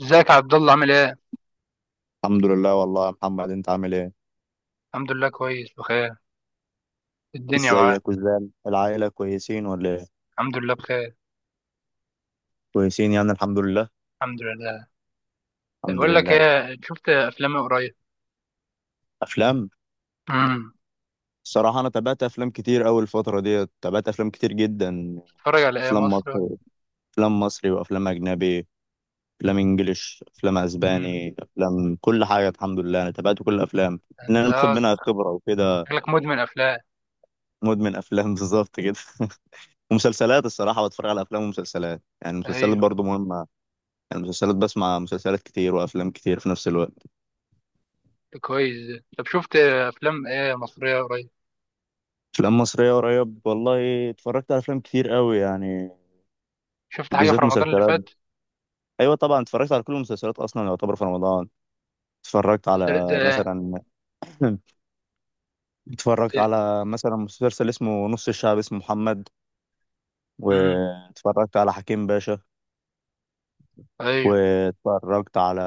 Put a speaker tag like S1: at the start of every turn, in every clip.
S1: ازيك يا عبد الله عامل ايه؟
S2: الحمد لله والله يا محمد. انت عامل ايه؟
S1: الحمد لله، كويس بخير. الدنيا معاك.
S2: ازيك؟ وازاي العائله، كويسين ولا ايه؟
S1: الحمد لله بخير.
S2: كويسين يعني الحمد لله.
S1: الحمد لله.
S2: الحمد
S1: بقول لك
S2: لله.
S1: ايه، شفت افلام إيه قريب؟
S2: افلام؟
S1: امم.
S2: الصراحه انا تابعت افلام كتير اوي الفتره ديت، تابعت افلام كتير جدا.
S1: بتتفرج على ايه،
S2: افلام
S1: مصر؟
S2: مصري. افلام مصري وافلام اجنبي. افلام انجليش، افلام
S1: امم.
S2: اسباني، افلام كل حاجه. الحمد لله انا تابعت كل الافلام. ان
S1: انت
S2: انا باخد منها خبره وكده.
S1: شكلك مدمن افلام.
S2: مدمن افلام. بالظبط كده. ومسلسلات الصراحه، بتفرج على افلام ومسلسلات، يعني المسلسلات
S1: ايوه.
S2: برضو مهمه. يعني المسلسلات، بسمع مسلسلات كتير وافلام كتير في نفس الوقت.
S1: كويس ده. طب شفت افلام ايه مصريه قريب؟
S2: افلام مصريه قريب، والله اتفرجت على افلام كتير قوي يعني.
S1: شفت حاجه في
S2: وبالذات
S1: رمضان اللي
S2: مسلسلات.
S1: فات؟
S2: ايوه طبعا، اتفرجت على كل المسلسلات اصلا، يعتبر في رمضان. اتفرجت
S1: مسلسلات زي
S2: على
S1: ايه؟
S2: مثلا. اتفرجت
S1: زي-
S2: على مثلا مسلسل اسمه نص الشعب، اسمه محمد.
S1: امم.
S2: واتفرجت على حكيم باشا.
S1: ايوه.
S2: واتفرجت على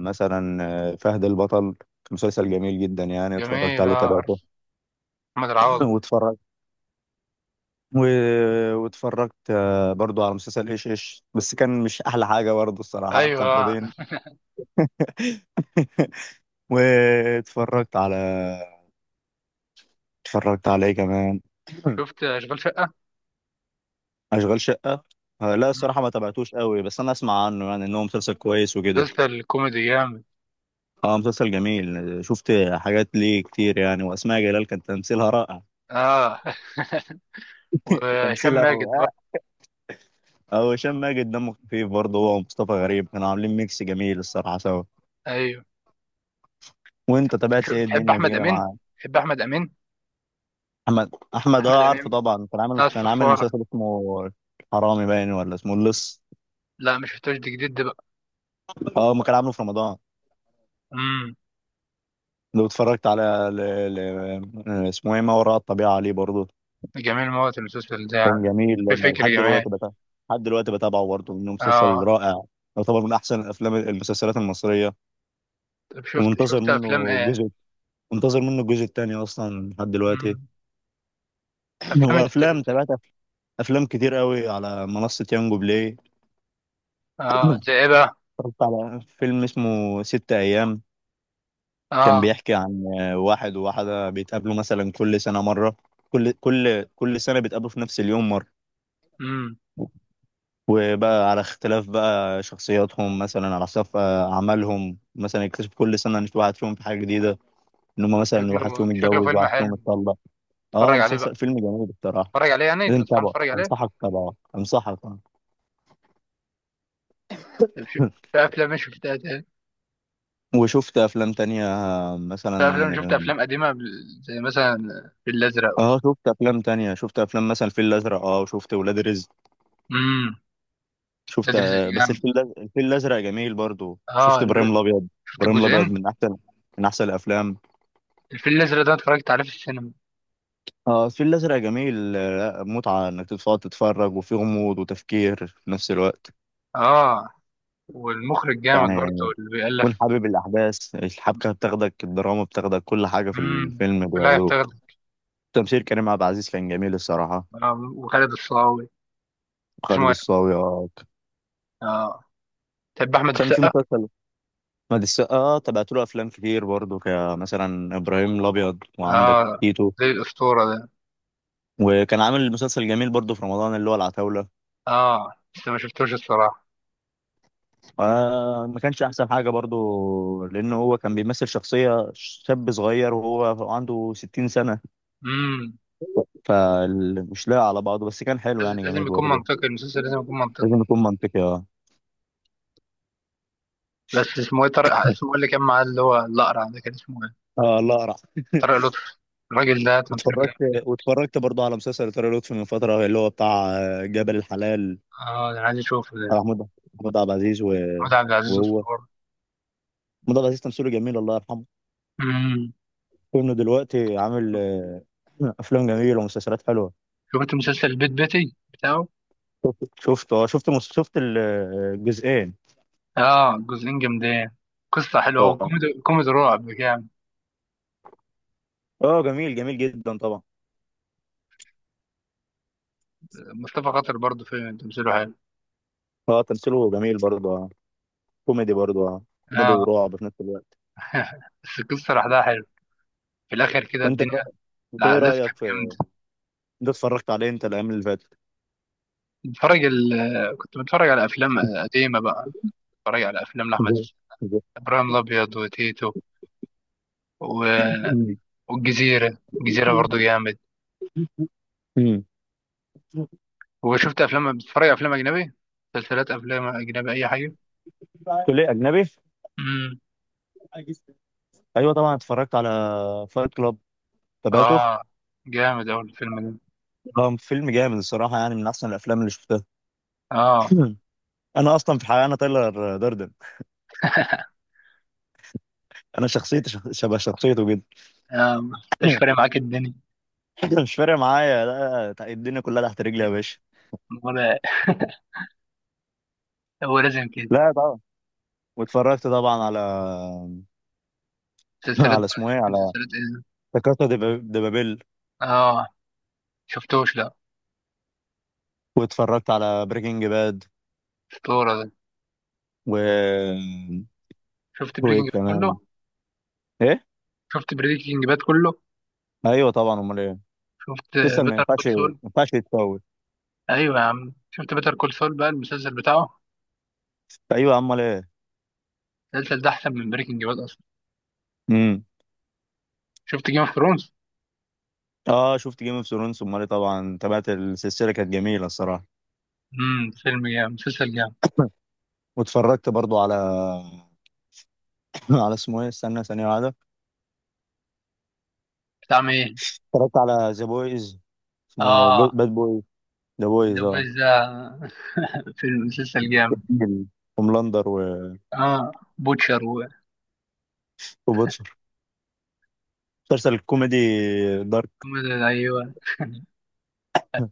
S2: مثلا فهد البطل، كان مسلسل جميل جدا يعني، اتفرجت
S1: جميل،
S2: عليه
S1: اه،
S2: وتابعته.
S1: عارف. محمد العوضي.
S2: واتفرجت و... واتفرجت برضو على مسلسل ايش ايش، بس كان مش احلى حاجه برضو، الصراحه
S1: ايوه.
S2: كان
S1: آه.
S2: فاضيين. واتفرجت على اتفرجت على ايه كمان؟
S1: شفت اشغال شقه؟
S2: اشغال شقه. لا،
S1: امم.
S2: الصراحه ما تابعتوش قوي، بس انا اسمع عنه يعني ان هو مسلسل كويس وكده.
S1: مسلسل كوميدي جامد.
S2: اه مسلسل جميل، شفت حاجات ليه كتير يعني، واسماء جلال كان تمثيلها رائع.
S1: اه. وهشام
S2: تمثيلها
S1: ماجد
S2: و...
S1: برضه.
S2: اه وهشام ماجد دمه خفيف برضه، هو ومصطفى غريب كانوا عاملين ميكس جميل الصراحه سوا.
S1: ايوه.
S2: وانت تابعت ايه
S1: بتحب
S2: الدنيا دي
S1: احمد
S2: كده
S1: امين؟
S2: مع؟
S1: بتحب احمد امين.
S2: احمد. احمد
S1: احمد
S2: اه، عارفه
S1: امين.
S2: طبعا. كان عامل
S1: بتاع
S2: كان عامل
S1: الصفاره.
S2: مسلسل اسمه حرامي باين، ولا اسمه اللص؟
S1: لا، مش شفتوش، دي جديد ده بقى.
S2: اه ما كان عامله في رمضان.
S1: امم.
S2: لو اتفرجت على ل... اسمه ايه، ما وراء الطبيعة، عليه برضه.
S1: جميل موت المسلسل ده
S2: كان
S1: يعني.
S2: جميل.
S1: في فكر
S2: لحد دلوقتي
S1: جميل.
S2: بتابعه لحد دلوقتي بتابعه برضه، انه مسلسل
S1: اه.
S2: رائع. يعتبر من احسن الافلام، المسلسلات المصرية.
S1: طب شفت
S2: ومنتظر
S1: شفت افلام
S2: منه
S1: ايه؟
S2: الجزء منتظر منه الجزء الثاني اصلا لحد دلوقتي.
S1: امم. افلام اللي انت
S2: وافلام
S1: شفتها؟
S2: تابعت، افلام كتير قوي على منصة يانجو بلاي.
S1: اه، زي ايه بقى؟
S2: اتفرجت على فيلم اسمه ست أيام. كان
S1: اه.
S2: بيحكي عن واحد وواحدة بيتقابلوا مثلا كل سنة مرة. كل سنة بيتقابلوا في نفس اليوم مرة.
S1: امم.
S2: وبقى على اختلاف بقى شخصياتهم مثلا، على اختلاف أعمالهم، مثلا يكتشف كل سنة إن في واحد فيهم في حاجة جديدة. إن هم مثلا واحد فيهم
S1: شكله
S2: اتجوز،
S1: فيلم
S2: واحد فيهم
S1: حلو.
S2: اتطلق. اه
S1: اتفرج عليه بقى.
S2: مسلسل فيلم جميل بصراحة.
S1: اتفرج عليه يعني،
S2: لازم
S1: تنصحني
S2: تتابعه،
S1: اتفرج عليه؟
S2: أنصحك تتابعه، أنصحك.
S1: طب شو... في افلام مش شفتها تاني؟
S2: وشفت أفلام تانية،
S1: في افلام، شفت
S2: مثلا.
S1: افلام قديمه زي مثلا الفيل الازرق.
S2: اه، شفت أفلام تانية، شفت أفلام مثلا الفيل الأزرق، اه وشفت ولاد رزق.
S1: امم. ده
S2: شفت.
S1: دريس
S2: بس
S1: الجامعة.
S2: الفيل الأزرق جميل برضو، شفت
S1: اه.
S2: إبراهيم الأبيض.
S1: شفت
S2: إبراهيم الأبيض
S1: الجزئين؟
S2: من أحسن الأفلام.
S1: الفيل الأزرق ده اتفرجت عليه في السينما.
S2: اه الفيل الأزرق جميل. لا متعة إنك تقعد تتفرج، وفي غموض وتفكير في نفس الوقت.
S1: اه. والمخرج جامد برضه.
S2: يعني
S1: اللي
S2: تكون
S1: بيألف.
S2: حابب الأحداث، الحبكة بتاخدك، الدراما بتاخدك، كل حاجة في
S1: امم.
S2: الفيلم
S1: لا يفتقد.
S2: بياخدوك. تمثيل كريم عبد العزيز كان جميل الصراحة.
S1: آه. وخالد الصاوي. اسمه
S2: خالد
S1: ايه؟
S2: الصاوي.
S1: اه. تحب أحمد
S2: كان في
S1: السقا؟
S2: مسلسل. مد السقا اه، تابعت له أفلام كتير برضه، كمثلا إبراهيم الأبيض وعندك
S1: اه.
S2: تيتو.
S1: زي الأسطورة ده.
S2: وكان عامل مسلسل جميل برضه في رمضان، اللي هو العتاولة.
S1: اه، بس ما شفتوش الصراحة.
S2: ما كانش احسن حاجه برضو، لان هو كان بيمثل شخصيه شاب صغير وهو عنده 60 سنه.
S1: امم.
S2: فمش لاقي على بعضه، بس كان حلو
S1: لازم
S2: يعني، جميل
S1: لازم يكون
S2: برضو.
S1: منطقي، المسلسل لازم يكون منطقي.
S2: لازم يكون منطقي اه.
S1: بس اسمه ايه طارق، اسمه إيه اللي كان معاه، اللي هو الأقرع ده كان اسمه ايه؟
S2: اه الله أرع.
S1: طارق لطفي. الراجل ده تمثيله جامد.
S2: واتفرجت واتفرجت برضو على مسلسل ترى لطفي من فتره، اللي هو بتاع جبل الحلال.
S1: اه، ده انا عايز اشوفه ده.
S2: بتاع محمود عبد العزيز
S1: محمود عبد العزيز
S2: وهو
S1: أسطورة.
S2: محمود عبد العزيز تمثيله جميل، الله يرحمه.
S1: امم.
S2: كونه دلوقتي عامل، افلام جميله ومسلسلات حلوه.
S1: شفت مسلسل البيت بيتي؟ بتاعه؟
S2: شفت الجزئين.
S1: اه، جزئين جامدين. قصة حلوة،
S2: اه،
S1: وكوميدي، كوميدي رعب جامد.
S2: اه، جميل جميل جدا طبعا.
S1: مصطفى خاطر برضه في تمثيله حلو.
S2: اه تمثيله جميل برضه، اه. كوميدي برضه، اه. كوميدي
S1: اه.
S2: ورعب في نفس الوقت.
S1: بس القصة لوحدها حلو في الآخر كده
S2: وانت
S1: الدنيا.
S2: انت ايه
S1: الأحداث
S2: رايك
S1: كانت
S2: في؟
S1: جامدة.
S2: انت اتفرجت عليه انت، الايام اللي فاتت؟
S1: بتفرج ال... كنت بتفرج على أفلام قديمة بقى. بتفرج على أفلام لأحمد
S2: زي-
S1: السقا.
S2: زي-
S1: إبراهيم الأبيض وتيتو. و...
S2: مم.
S1: والجزيرة برضه جامد.
S2: مم.
S1: وشفت أفلام، بتتفرج على أفلام أجنبي؟ مسلسلات أفلام أجنبي، أي حاجة.
S2: تقول لي اجنبي؟
S1: امم.
S2: ايوه طبعا، اتفرجت على فايت كلاب، تابعته.
S1: اه، جامد أوي الفيلم ده.
S2: اه فيلم جامد الصراحه، يعني من احسن الافلام اللي شفتها.
S1: اه.
S2: انا اصلا في الحقيقه انا تايلر داردن. انا شخصيتي، شبه شخصيته جدا.
S1: آه، مش فارق معاك الدنيا.
S2: مش فارق معايا. لا، لا، الدنيا كلها تحت رجلي يا باشا.
S1: ولا. هو لازم كده.
S2: لا طبعا. واتفرجت طبعا على.
S1: مسلسلات
S2: على
S1: بقى،
S2: اسمه ايه
S1: شفت
S2: على
S1: مسلسلات ايه؟
S2: لا كاسا دي بابيل.
S1: اه، شفتوش لا.
S2: واتفرجت على بريكنج باد
S1: اسطورة ده.
S2: و
S1: شفت
S2: وايه
S1: بريكنج باد
S2: كمان؟
S1: كله؟
S2: ايه؟
S1: شفت بريكنج باد كله؟
S2: ايوه طبعا، امال ايه.
S1: شفت
S2: مسلسل ما
S1: بيتر
S2: ينفعش
S1: كول
S2: ما
S1: سول.
S2: ينفعش يتفوت.
S1: ايوه يا عم، شفت بيتر كول سول بقى المسلسل بتاعه.
S2: ايوه، امال ايه.
S1: المسلسل ده احسن من بريكنج باد اصلا.
S2: امم.
S1: شفت جيم اوف ثرونز؟
S2: اه، شفت جيم اوف ثرونز، امال ايه طبعا، تابعت السلسله كانت جميله الصراحه.
S1: امم، فيلم جامد مسلسل جامد.
S2: واتفرجت برضو على. على اسمه ايه استنى ثانيه واحده.
S1: بتاع مين؟
S2: اتفرجت على ذا بويز. اسمه
S1: اه،
S2: باد بويز. ذا بويز
S1: ذا
S2: اه.
S1: ويز ده. فيلم مسلسل جامد.
S2: هوملاندر
S1: اه، بوتشر.
S2: وبوتشر. مسلسل الكوميدي دارك.
S1: ايوه.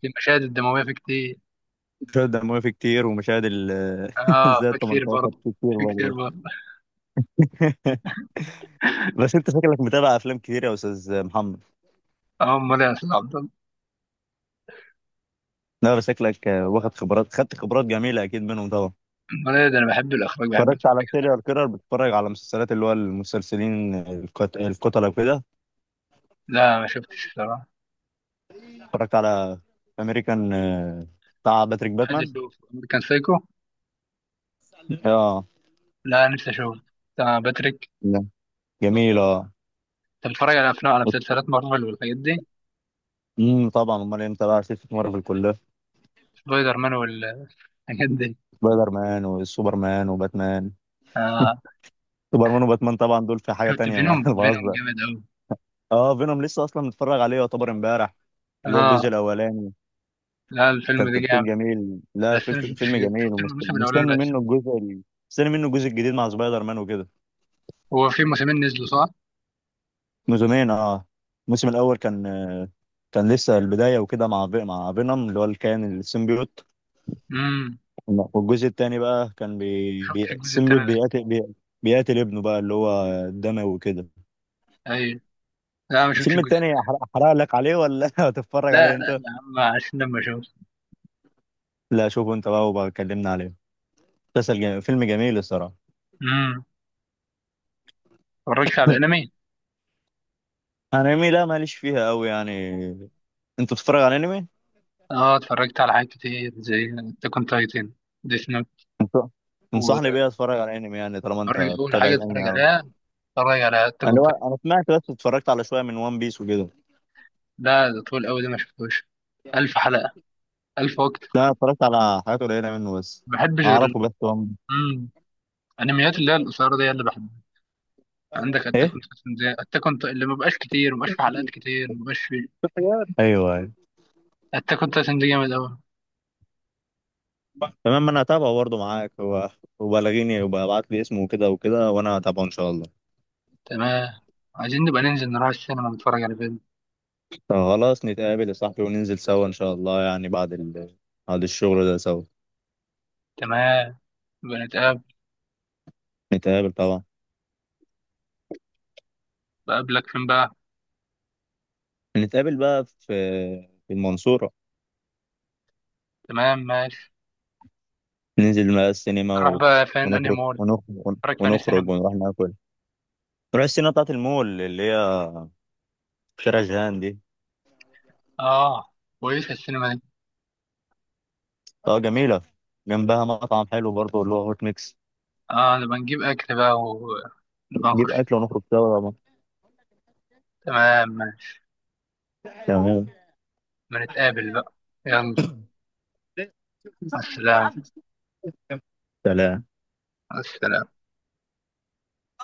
S1: المشاهد الدمويه في كتير.
S2: مشاهد دموية فيه كتير، ومشاهد
S1: اه،
S2: زائد
S1: في كتير
S2: 18
S1: برضه.
S2: فيه كتير
S1: في كتير
S2: برضه.
S1: برضه.
S2: بس انت شكلك متابع افلام كتير يا استاذ محمد.
S1: اه، امال يا استاذ عبد الله.
S2: لا بس شكلك واخد خبرات، خدت خبرات جميلة اكيد منهم طبعا.
S1: امال ايه، ده انا بحب الاخراج، بحب
S2: اتفرجت
S1: أشوف.
S2: على سيريال كيرر، بتتفرج على مسلسلات اللي هو المسلسلين، القتلة وكده.
S1: لا، ما شفتش الصراحه.
S2: اتفرجت على امريكان، بتاع باتريك
S1: عايز
S2: باتمان.
S1: اشوف امريكان سايكو.
S2: اه.
S1: لا، نفسي اشوف. بتاع باتريك.
S2: لا، جميل اه.
S1: انت بتتفرج على افلام، على مسلسلات مارفل والحاجات دي؟
S2: طبعا، امال إيه، متابع ست مرة في الكلية.
S1: سبايدر مان والحاجات دي.
S2: سبايدر مان وسوبر مان وباتمان.
S1: آه،
S2: سوبر مان وباتمان طبعا، دول في حاجه
S1: شفت
S2: تانية،
S1: فينوم.
S2: ما أنا
S1: فينوم
S2: بهزر.
S1: جامد قوي.
S2: اه، فينوم لسه اصلا متفرج عليه، يعتبر امبارح. اللي هو الجزء
S1: اه.
S2: الاولاني.
S1: لا، الفيلم
S2: كان
S1: ده
S2: تمثيل
S1: جامد.
S2: جميل، لا
S1: بس انا شفتش.
S2: فيلم جميل،
S1: شفت الموسم الاولاني
S2: ومستني
S1: بس.
S2: منه الجزء ال- مستني منه الجزء الجديد مع سبايدر مان وكده.
S1: هو في موسمين نزلوا صح؟
S2: موسمين اه. الموسم الاول كان لسه البدايه وكده، مع مع فينوم اللي هو الكائن السيمبيوت.
S1: امم.
S2: والجزء التاني بقى كان
S1: ما شفتش الجزء الثاني
S2: السيمبيوت
S1: ده.
S2: بيقاتل بيقاتل ابنه بقى، اللي هو الدموي وكده.
S1: ايوه. لا، ما شفتش
S2: الفيلم
S1: الجزء.
S2: التاني، احرق لك عليه، ولا هتتفرج
S1: لا،
S2: عليه
S1: لا
S2: انت؟
S1: يا عم عشان لما اشوف.
S2: لا، شوفه انت بقى وبقى كلمنا عليه. مسلسل جميل. فيلم جميل الصراحه.
S1: امم. ما اتفرجتش على انمي.
S2: انمي؟ لا ماليش فيها قوي يعني. انت بتتفرج على انمي؟
S1: اه، اتفرجت على حاجات كتير زي أتاك أون تايتن. ديث نوت.
S2: انت تنصحني بيه
S1: واتفرج.
S2: اتفرج على انمي يعني، طالما انت
S1: أول
S2: بتتابع
S1: حاجة اتفرج
S2: انمي قوي؟
S1: عليها، اتفرج على أتاك
S2: انا
S1: أون تايتن.
S2: انا سمعت بس، اتفرجت على شويه من وان بيس وكده.
S1: ده طول أوي، ده ما شفتوش. 1000 حلقة. ألف وقت.
S2: لا أنا اتفرجت على حاجات قليله منه بس.
S1: ما بحبش غير
S2: اعرفه بس. وان.
S1: مم. الأنميات اللي هي القصيرة دي هي اللي بحبها. عندك أتاك أون تايتن، زي أتاك أون، اللي ما بقاش كتير، ما بقاش في حلقات كتير، ما بقاش في.
S2: ايوه، ايوه.
S1: أتاك أون تايتن دي جامد أوي.
S2: تمام، انا هتابعه برضه معاك هو. وبلغيني وابعت لي اسمه وكده وكده، وانا هتابعه ان شاء الله.
S1: تمام. عايزين نبقى ننزل نروح السينما نتفرج على فيلم.
S2: طب خلاص، نتقابل يا صاحبي وننزل سوا إن شاء الله يعني، بعد الشغل ده سوا.
S1: تمام. نبقى نتقابل.
S2: نتقابل طبعا.
S1: بقابلك فين بقى؟
S2: نتقابل بقى في المنصورة.
S1: تمام ماشي.
S2: ننزل بقى السينما
S1: نروح بقى فين، أنهي
S2: ونخرج
S1: مول؟
S2: ونخرج
S1: نتفرج في أنهي
S2: ونخرج
S1: سينما؟
S2: ونروح ناكل. نروح السينما بتاعة المول، اللي هي في شارع جهان دي.
S1: اه، كويسة السينما دي.
S2: اه جميلة. جنبها مطعم حلو برضه، اللي هو هوت ميكس.
S1: اه. نبقى نجيب اكل بقى ونبقى
S2: نجيب
S1: نخش.
S2: أكل ونخرج سوا طبعا.
S1: تمام ماشي.
S2: تمام.
S1: ما نتقابل بقى. يلا. السلام.
S2: سلام.
S1: السلام.